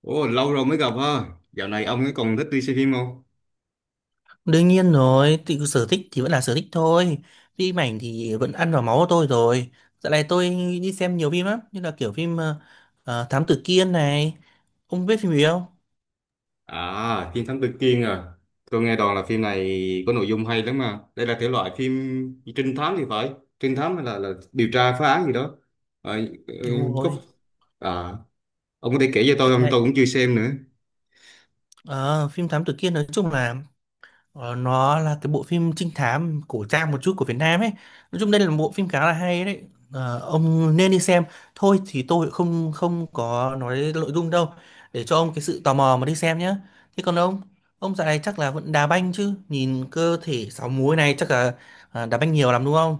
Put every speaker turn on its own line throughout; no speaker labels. Ồ, lâu rồi mới gặp ha. Dạo này ông ấy còn thích đi xem phim không?
Đương nhiên rồi, thì sở thích thì vẫn là sở thích thôi. Phim ảnh thì vẫn ăn vào máu của tôi rồi. Dạo này tôi đi xem nhiều phim lắm, như là kiểu phim Thám Tử Kiên này. Ông biết phim gì không?
À, phim Thám Tử Kiên à. Tôi nghe đồn là phim này có nội dung hay lắm mà. Đây là thể loại phim trinh thám thì phải. Trinh thám hay là điều tra phá án gì đó. À,
Đúng
ừ, có.
rồi.
à, ông có thể kể cho tôi không?
Đấy.
Tôi cũng chưa xem nữa.
Ờ, phim Thám Tử Kiên nói chung là, ờ, nó là cái bộ phim trinh thám cổ trang một chút của Việt Nam ấy. Nói chung đây là một bộ phim khá là hay đấy. Ông nên đi xem. Thôi thì tôi không không có nói nội dung đâu. Để cho ông cái sự tò mò mà đi xem nhé. Thế còn ông dạo này chắc là vẫn đá banh chứ. Nhìn cơ thể sáu múi này chắc là đá banh nhiều lắm đúng không?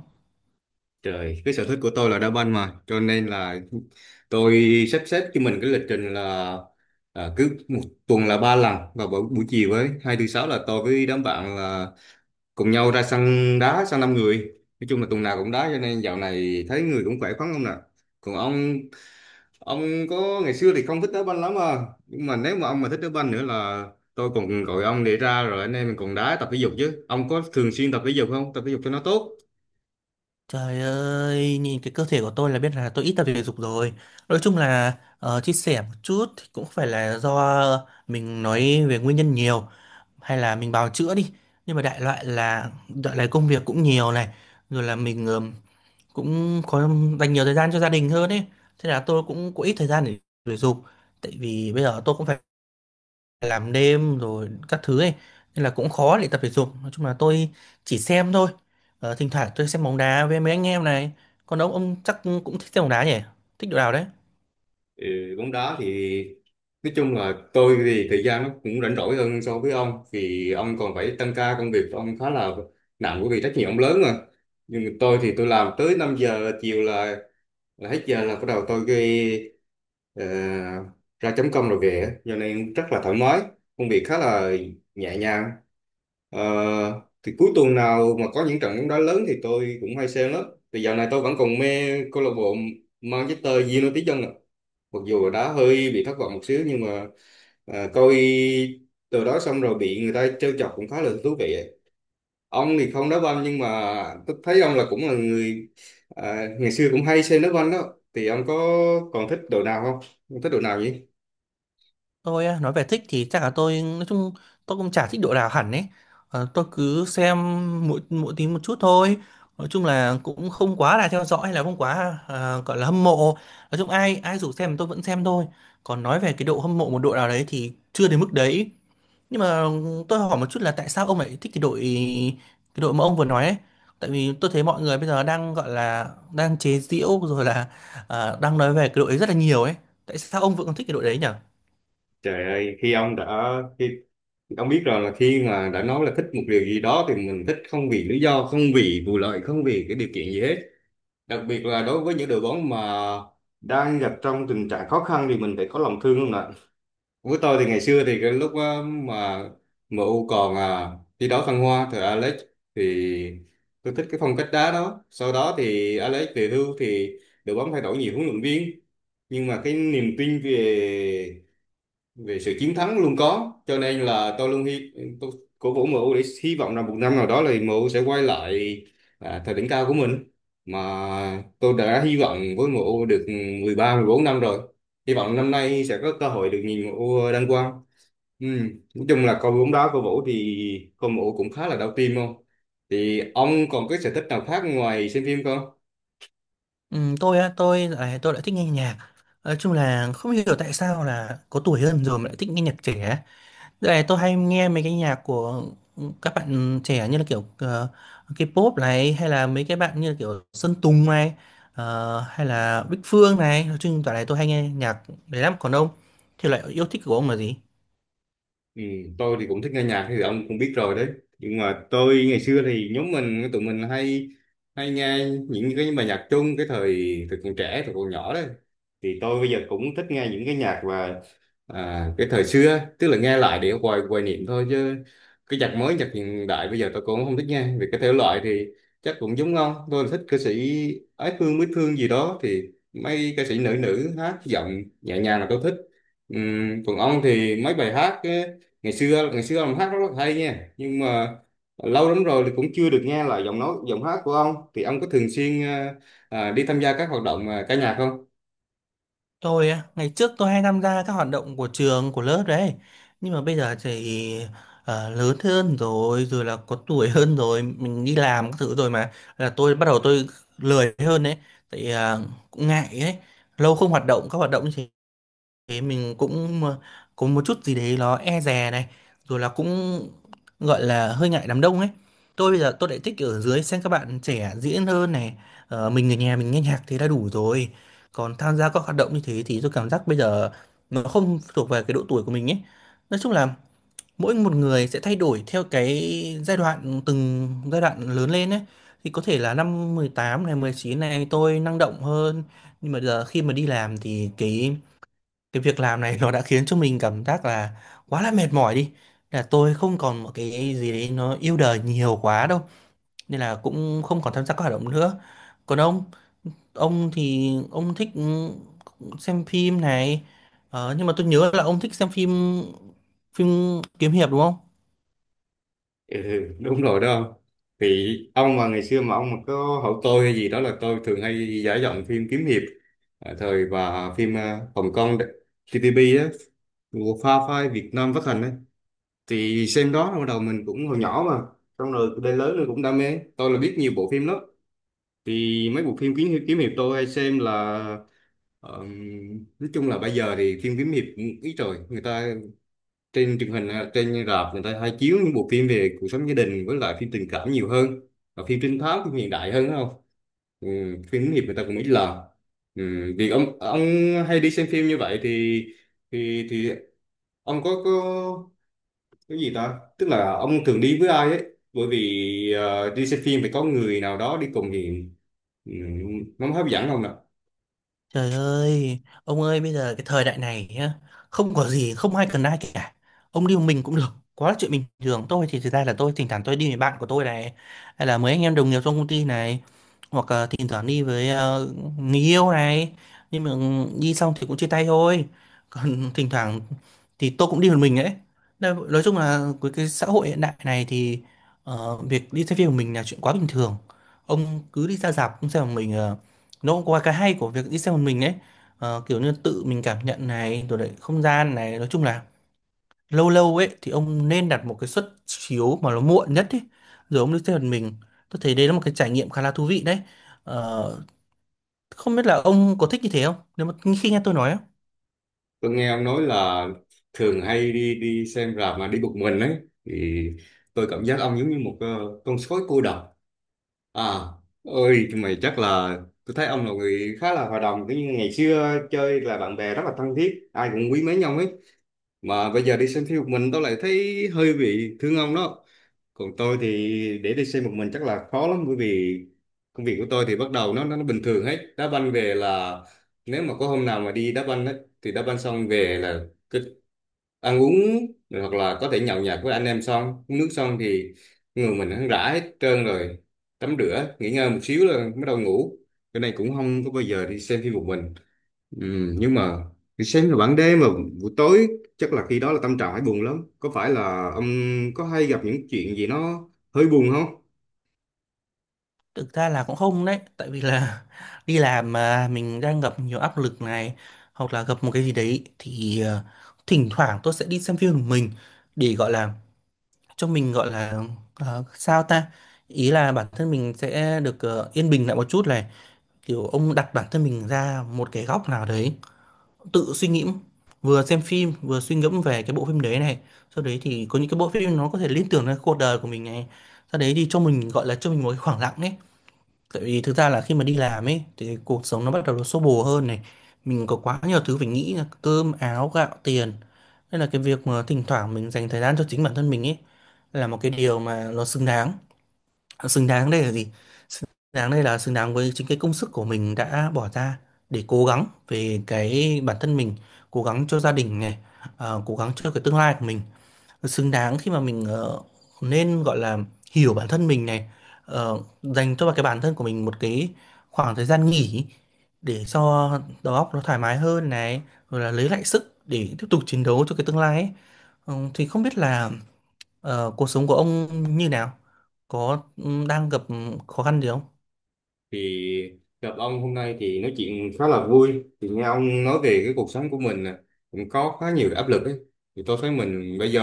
Trời, cái sở thích của tôi là đá banh mà. Cho nên là tôi sắp xếp cho mình cái lịch trình là cứ một tuần là ba lần vào buổi chiều ấy. Hai thứ sáu là tôi với đám bạn là cùng nhau ra sân đá sân năm người, nói chung là tuần nào cũng đá, cho nên dạo này thấy người cũng khỏe khoắn không nè. Còn ông có ngày xưa thì không thích đá banh lắm à? Nhưng mà nếu mà ông mà thích đá banh nữa là tôi còn gọi ông để ra rồi anh em mình còn đá, tập thể dục chứ. Ông có thường xuyên tập thể dục không? Tập thể dục cho nó tốt.
Trời ơi, nhìn cái cơ thể của tôi là biết là tôi ít tập thể dục rồi. Nói chung là, chia sẻ một chút thì cũng phải là do mình nói về nguyên nhân nhiều, hay là mình bào chữa đi, nhưng mà đại loại là đại loại công việc cũng nhiều này, rồi là mình cũng có dành nhiều thời gian cho gia đình hơn ấy. Thế là tôi cũng có ít thời gian để thể dục, tại vì bây giờ tôi cũng phải làm đêm rồi các thứ ấy, nên là cũng khó để tập thể dục. Nói chung là tôi chỉ xem thôi. Ờ, thỉnh thoảng tôi xem bóng đá với mấy anh em này, còn ông chắc cũng thích xem bóng đá nhỉ, thích đội nào đấy.
Ừ, bóng đá thì nói chung là tôi thì thời gian nó cũng rảnh rỗi hơn so với ông, vì ông còn phải tăng ca, công việc ông khá là nặng bởi vì trách nhiệm ông lớn mà. Nhưng mà tôi thì tôi làm tới 5 giờ chiều là hết giờ là bắt đầu tôi ghi, ờ, ra chấm công rồi về á. Giờ này rất là thoải mái, công việc khá là nhẹ nhàng. Ờ, thì cuối tuần nào mà có những trận bóng đá lớn thì tôi cũng hay xem lắm. Thì dạo này tôi vẫn còn mê câu lạc bộ Manchester United dân ạ. Mặc dù là đá hơi bị thất vọng một xíu nhưng mà coi từ đó xong rồi bị người ta trêu chọc cũng khá là thú vị. Ông thì không đá banh nhưng mà tôi thấy ông là cũng là người ngày xưa cũng hay xem đá banh đó, thì ông có còn thích đội nào không? Ông thích đội nào vậy?
Tôi á, nói về thích thì chắc là tôi nói chung tôi cũng chả thích đội nào hẳn ấy. Ờ, tôi cứ xem mỗi mỗi tí một chút thôi. Nói chung là cũng không quá là theo dõi hay là không quá, gọi là hâm mộ. Nói chung ai ai rủ xem tôi vẫn xem thôi. Còn nói về cái độ hâm mộ một đội nào đấy thì chưa đến mức đấy. Nhưng mà tôi hỏi một chút là tại sao ông lại thích cái đội, cái đội mà ông vừa nói ấy? Tại vì tôi thấy mọi người bây giờ đang gọi là đang chế giễu rồi, là đang nói về cái đội ấy rất là nhiều ấy. Tại sao ông vẫn còn thích cái đội đấy nhỉ?
Trời ơi, khi ông đã khi ông biết rồi, là khi mà đã nói là thích một điều gì đó thì mình thích không vì lý do, không vì vụ lợi, không vì cái điều kiện gì hết. Đặc biệt là đối với những đội bóng mà đang gặp trong tình trạng khó khăn thì mình phải có lòng thương không nè. Với tôi thì ngày xưa thì cái lúc á, mà em u còn thi đấu thăng hoa thời Alex thì tôi thích cái phong cách đá đó. Sau đó thì Alex về hưu thì đội bóng thay đổi nhiều huấn luyện viên. Nhưng mà cái niềm tin về về sự chiến thắng luôn có, cho nên là tôi luôn hy tôi cổ vũ MU để hy vọng là một năm nào đó là MU sẽ quay lại thời đỉnh cao của mình. Mà tôi đã hy vọng với MU được 13, 14 năm rồi, hy vọng năm nay sẽ có cơ hội được nhìn MU đăng quang. Ừ. Nói chung là coi bóng đá cổ vũ thì coi MU cũng khá là đau tim không. Thì ông còn cái sở thích nào khác ngoài xem phim không?
Ừ, tôi á, tôi lại thích nghe nhạc. Nói chung là không hiểu tại sao là có tuổi hơn rồi mà lại thích nghe nhạc trẻ. Đây này, tôi hay nghe mấy cái nhạc của các bạn trẻ như là kiểu, K-pop này, hay là mấy cái bạn như là kiểu Sơn Tùng này, hay là Bích Phương này. Nói chung toàn này tôi hay nghe nhạc đấy lắm. Còn ông thì lại, yêu thích của ông là gì?
Ừ, tôi thì cũng thích nghe nhạc thì ông cũng biết rồi đấy. Nhưng mà tôi ngày xưa thì nhóm mình, tụi mình hay hay nghe những cái bài nhạc chung cái thời thời còn trẻ, thời còn nhỏ đấy. Thì tôi bây giờ cũng thích nghe những cái nhạc và cái thời xưa, tức là nghe lại để hoài hoài niệm thôi, chứ cái nhạc mới, nhạc hiện đại bây giờ tôi cũng không thích nghe. Về cái thể loại thì chắc cũng giống ông, tôi thích ca sĩ Ái Phương, Mít Phương gì đó. Thì mấy ca sĩ nữ nữ hát giọng nhẹ nhàng là tôi thích. Còn ông thì mấy bài hát á, ngày xưa ông hát rất là hay nha, nhưng mà lâu lắm rồi thì cũng chưa được nghe lại giọng nói, giọng hát của ông. Thì ông có thường xuyên đi tham gia các hoạt động ca nhạc không?
Tôi á, ngày trước tôi hay tham gia các hoạt động của trường, của lớp đấy. Nhưng mà bây giờ thì, lớn hơn rồi, rồi là có tuổi hơn rồi, mình đi làm các thứ rồi mà. Là tôi bắt đầu tôi lười hơn đấy. Tại ờ, cũng ngại ấy. Lâu không hoạt động, các hoạt động như thế thế mình cũng, có một chút gì đấy nó e dè này, rồi là cũng gọi là hơi ngại đám đông ấy. Tôi bây giờ tôi lại thích ở dưới xem các bạn trẻ diễn hơn này. Mình ở nhà mình nghe nhạc thế đã đủ rồi. Còn tham gia các hoạt động như thế thì tôi cảm giác bây giờ nó không thuộc về cái độ tuổi của mình ấy. Nói chung là mỗi một người sẽ thay đổi theo cái giai đoạn, từng giai đoạn lớn lên ấy. Thì có thể là năm 18 này, 19 này, tôi năng động hơn, nhưng mà giờ khi mà đi làm thì cái việc làm này nó đã khiến cho mình cảm giác là quá là mệt mỏi đi, là tôi không còn một cái gì đấy nó yêu đời nhiều quá đâu, nên là cũng không còn tham gia các hoạt động nữa. Còn ông thì ông thích, xem phim này, nhưng mà tôi nhớ là ông thích xem phim, phim kiếm hiệp đúng không?
Ừ, đúng rồi đó ông. Thì ông mà ngày xưa mà ông mà có hỏi tôi hay gì đó là tôi thường hay giải giọng phim kiếm hiệp thời và phim Hồng Kông, TPP á, của Pha Phai Việt Nam phát hành ấy. Thì xem đó bắt đầu mình cũng hồi nhỏ mà, xong rồi đến lớn rồi cũng đam mê, tôi là biết nhiều bộ phim lắm. Thì mấy bộ phim kiếm hiệp tôi hay xem là ờm, nói chung là bây giờ thì phim kiếm hiệp cũng ít rồi. Người ta trên truyền hình hay trên rạp người ta hay chiếu những bộ phim về cuộc sống gia đình, với lại phim tình cảm nhiều hơn, và phim trinh thám, phim hiện đại hơn đúng không? Ừ, phim hướng nghiệp người ta cũng ít làm. Ừ, vì ông hay đi xem phim như vậy thì ông có cái gì ta, tức là ông thường đi với ai ấy? Bởi vì đi xem phim phải có người nào đó đi cùng thì, ừ, nó mới hấp dẫn ông.
Trời ơi, ông ơi bây giờ cái thời đại này nhá, không có gì, không ai cần ai cả. Ông đi một mình cũng được, quá là chuyện bình thường. Tôi thì thực ra là tôi thỉnh thoảng tôi đi với bạn của tôi này, hay là mấy anh em đồng nghiệp trong công ty này, hoặc là thỉnh thoảng đi với, người yêu này. Nhưng mà ừ, đi xong thì cũng chia tay thôi. Còn thỉnh thoảng thì tôi cũng đi một mình ấy. Nói chung là với cái xã hội hiện đại này thì, việc đi xem phim một mình là chuyện quá bình thường. Ông cứ đi ra rạp cũng xem một mình, nó cũng có cái hay của việc đi xem một mình ấy. Ờ, kiểu như tự mình cảm nhận này, rồi lại không gian này. Nói chung là lâu lâu ấy thì ông nên đặt một cái suất chiếu mà nó muộn nhất ấy, rồi ông đi xem một mình. Tôi thấy đấy là một cái trải nghiệm khá là thú vị đấy. Ờ, không biết là ông có thích như thế không, nếu mà khi nghe tôi nói á,
Tôi nghe ông nói là thường hay đi đi xem rạp mà đi một mình ấy, thì tôi cảm giác ông giống như một con sói cô độc. À, ơi mày chắc là tôi thấy ông là người khá là hòa đồng, cứ như ngày xưa chơi là bạn bè rất là thân thiết, ai cũng quý mến nhau ấy. Mà bây giờ đi xem phim một mình tôi lại thấy hơi bị thương ông đó. Còn tôi thì để đi xem một mình chắc là khó lắm, bởi vì công việc của tôi thì bắt đầu nó bình thường hết. Đá banh về là, nếu mà có hôm nào mà đi đá banh ấy, thì đá banh xong về là cái ăn uống rồi, hoặc là có thể nhậu nhẹt với anh em, xong uống nước xong thì người mình hắn rã hết trơn rồi, tắm rửa nghỉ ngơi một xíu là bắt đầu ngủ. Cái này cũng không có bao giờ đi xem phim một mình. Ừ, nhưng mà đi xem vào ban đêm mà buổi tối chắc là khi đó là tâm trạng phải buồn lắm. Có phải là ông có hay gặp những chuyện gì nó hơi buồn không?
thực ra là cũng không đấy, tại vì là đi làm mà mình đang gặp nhiều áp lực này, hoặc là gặp một cái gì đấy thì, thỉnh thoảng tôi sẽ đi xem phim một mình, để gọi là cho mình, gọi là, sao ta, ý là bản thân mình sẽ được, yên bình lại một chút này, kiểu ông đặt bản thân mình ra một cái góc nào đấy tự suy nghĩ, vừa xem phim vừa suy ngẫm về cái bộ phim đấy này, sau đấy thì có những cái bộ phim nó có thể liên tưởng đến cuộc đời của mình này, sau đấy thì cho mình gọi là cho mình một cái khoảng lặng ấy, tại vì thực ra là khi mà đi làm ấy thì cuộc sống nó bắt đầu nó xô bồ hơn này, mình có quá nhiều thứ phải nghĩ là cơm áo gạo tiền, nên là cái việc mà thỉnh thoảng mình dành thời gian cho chính bản thân mình ấy là một cái điều mà nó xứng đáng. Xứng đáng đây là gì? Xứng đáng đây là xứng đáng với chính cái công sức của mình đã bỏ ra để cố gắng về cái bản thân mình, cố gắng cho gia đình này, cố gắng cho cái tương lai của mình. Xứng đáng khi mà mình, nên gọi là hiểu bản thân mình này, dành cho cái bản thân của mình một cái khoảng thời gian nghỉ, để cho đầu óc nó thoải mái hơn này, rồi là lấy lại sức để tiếp tục chiến đấu cho cái tương lai ấy. Ừ, thì không biết là, cuộc sống của ông như nào? Có ừ, đang gặp ừ, khó khăn gì không?
Thì gặp ông hôm nay thì nói chuyện khá là vui, thì nghe ông nói về cái cuộc sống của mình nè, cũng có khá nhiều áp lực ấy. Thì tôi thấy mình bây giờ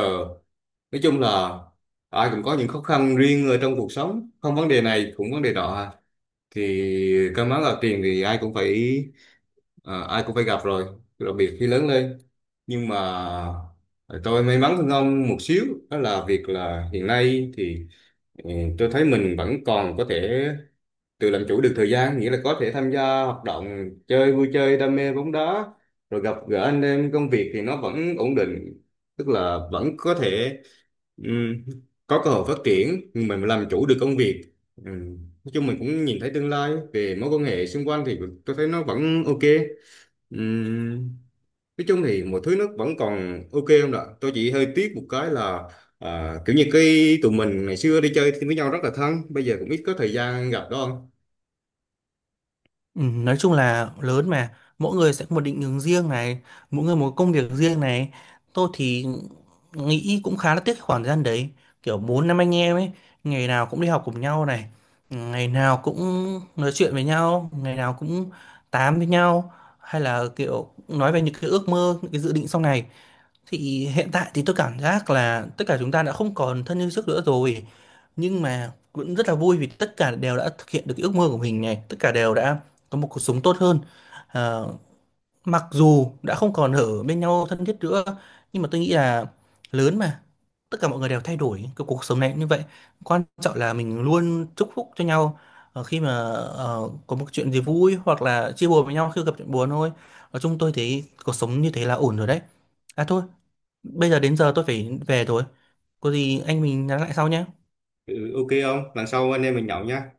nói chung là ai cũng có những khó khăn riêng ở trong cuộc sống, không vấn đề này cũng vấn đề đó à. Thì cơm áo gạo tiền thì ai cũng phải ai cũng phải gặp rồi, đặc biệt khi lớn lên. Nhưng mà tôi may mắn hơn ông một xíu, đó là việc là hiện nay thì, ừ, tôi thấy mình vẫn còn có thể tự làm chủ được thời gian, nghĩa là có thể tham gia hoạt động chơi, vui chơi, đam mê bóng đá, rồi gặp gỡ anh em. Công việc thì nó vẫn ổn định, tức là vẫn có thể, Ừm, có cơ hội phát triển, mình làm chủ được công việc. Ừm, nói chung mình cũng nhìn thấy tương lai. Về mối quan hệ xung quanh thì tôi thấy nó vẫn ok. Ừm, nói chung thì mọi thứ nó vẫn còn ok không ạ. Tôi chỉ hơi tiếc một cái là kiểu như cái tụi mình ngày xưa đi chơi với nhau rất là thân, bây giờ cũng ít có thời gian gặp đó không.
Ừ, nói chung là lớn mà, mỗi người sẽ có một định hướng riêng này, mỗi người một công việc riêng này. Tôi thì nghĩ cũng khá là tiếc cái khoảng thời gian đấy, kiểu bốn năm anh em ấy, ngày nào cũng đi học cùng nhau này, ngày nào cũng nói chuyện với nhau, ngày nào cũng tám với nhau, hay là kiểu nói về những cái ước mơ, những cái dự định sau này. Thì hiện tại thì tôi cảm giác là tất cả chúng ta đã không còn thân như trước nữa rồi, nhưng mà cũng rất là vui vì tất cả đều đã thực hiện được cái ước mơ của mình này, tất cả đều đã có một cuộc sống tốt hơn. Ờ, mặc dù đã không còn ở bên nhau thân thiết nữa, nhưng mà tôi nghĩ là lớn mà, tất cả mọi người đều thay đổi, cái cuộc sống này cũng như vậy. Quan trọng là mình luôn chúc phúc cho nhau, khi mà, có một chuyện gì vui, hoặc là chia buồn với nhau khi gặp chuyện buồn thôi. Nói chung tôi thấy cuộc sống như thế là ổn rồi đấy. À thôi, bây giờ đến giờ tôi phải về rồi. Có gì anh mình nhắn lại sau nhé.
Ừ, ok không, lần sau anh em mình nhậu nha.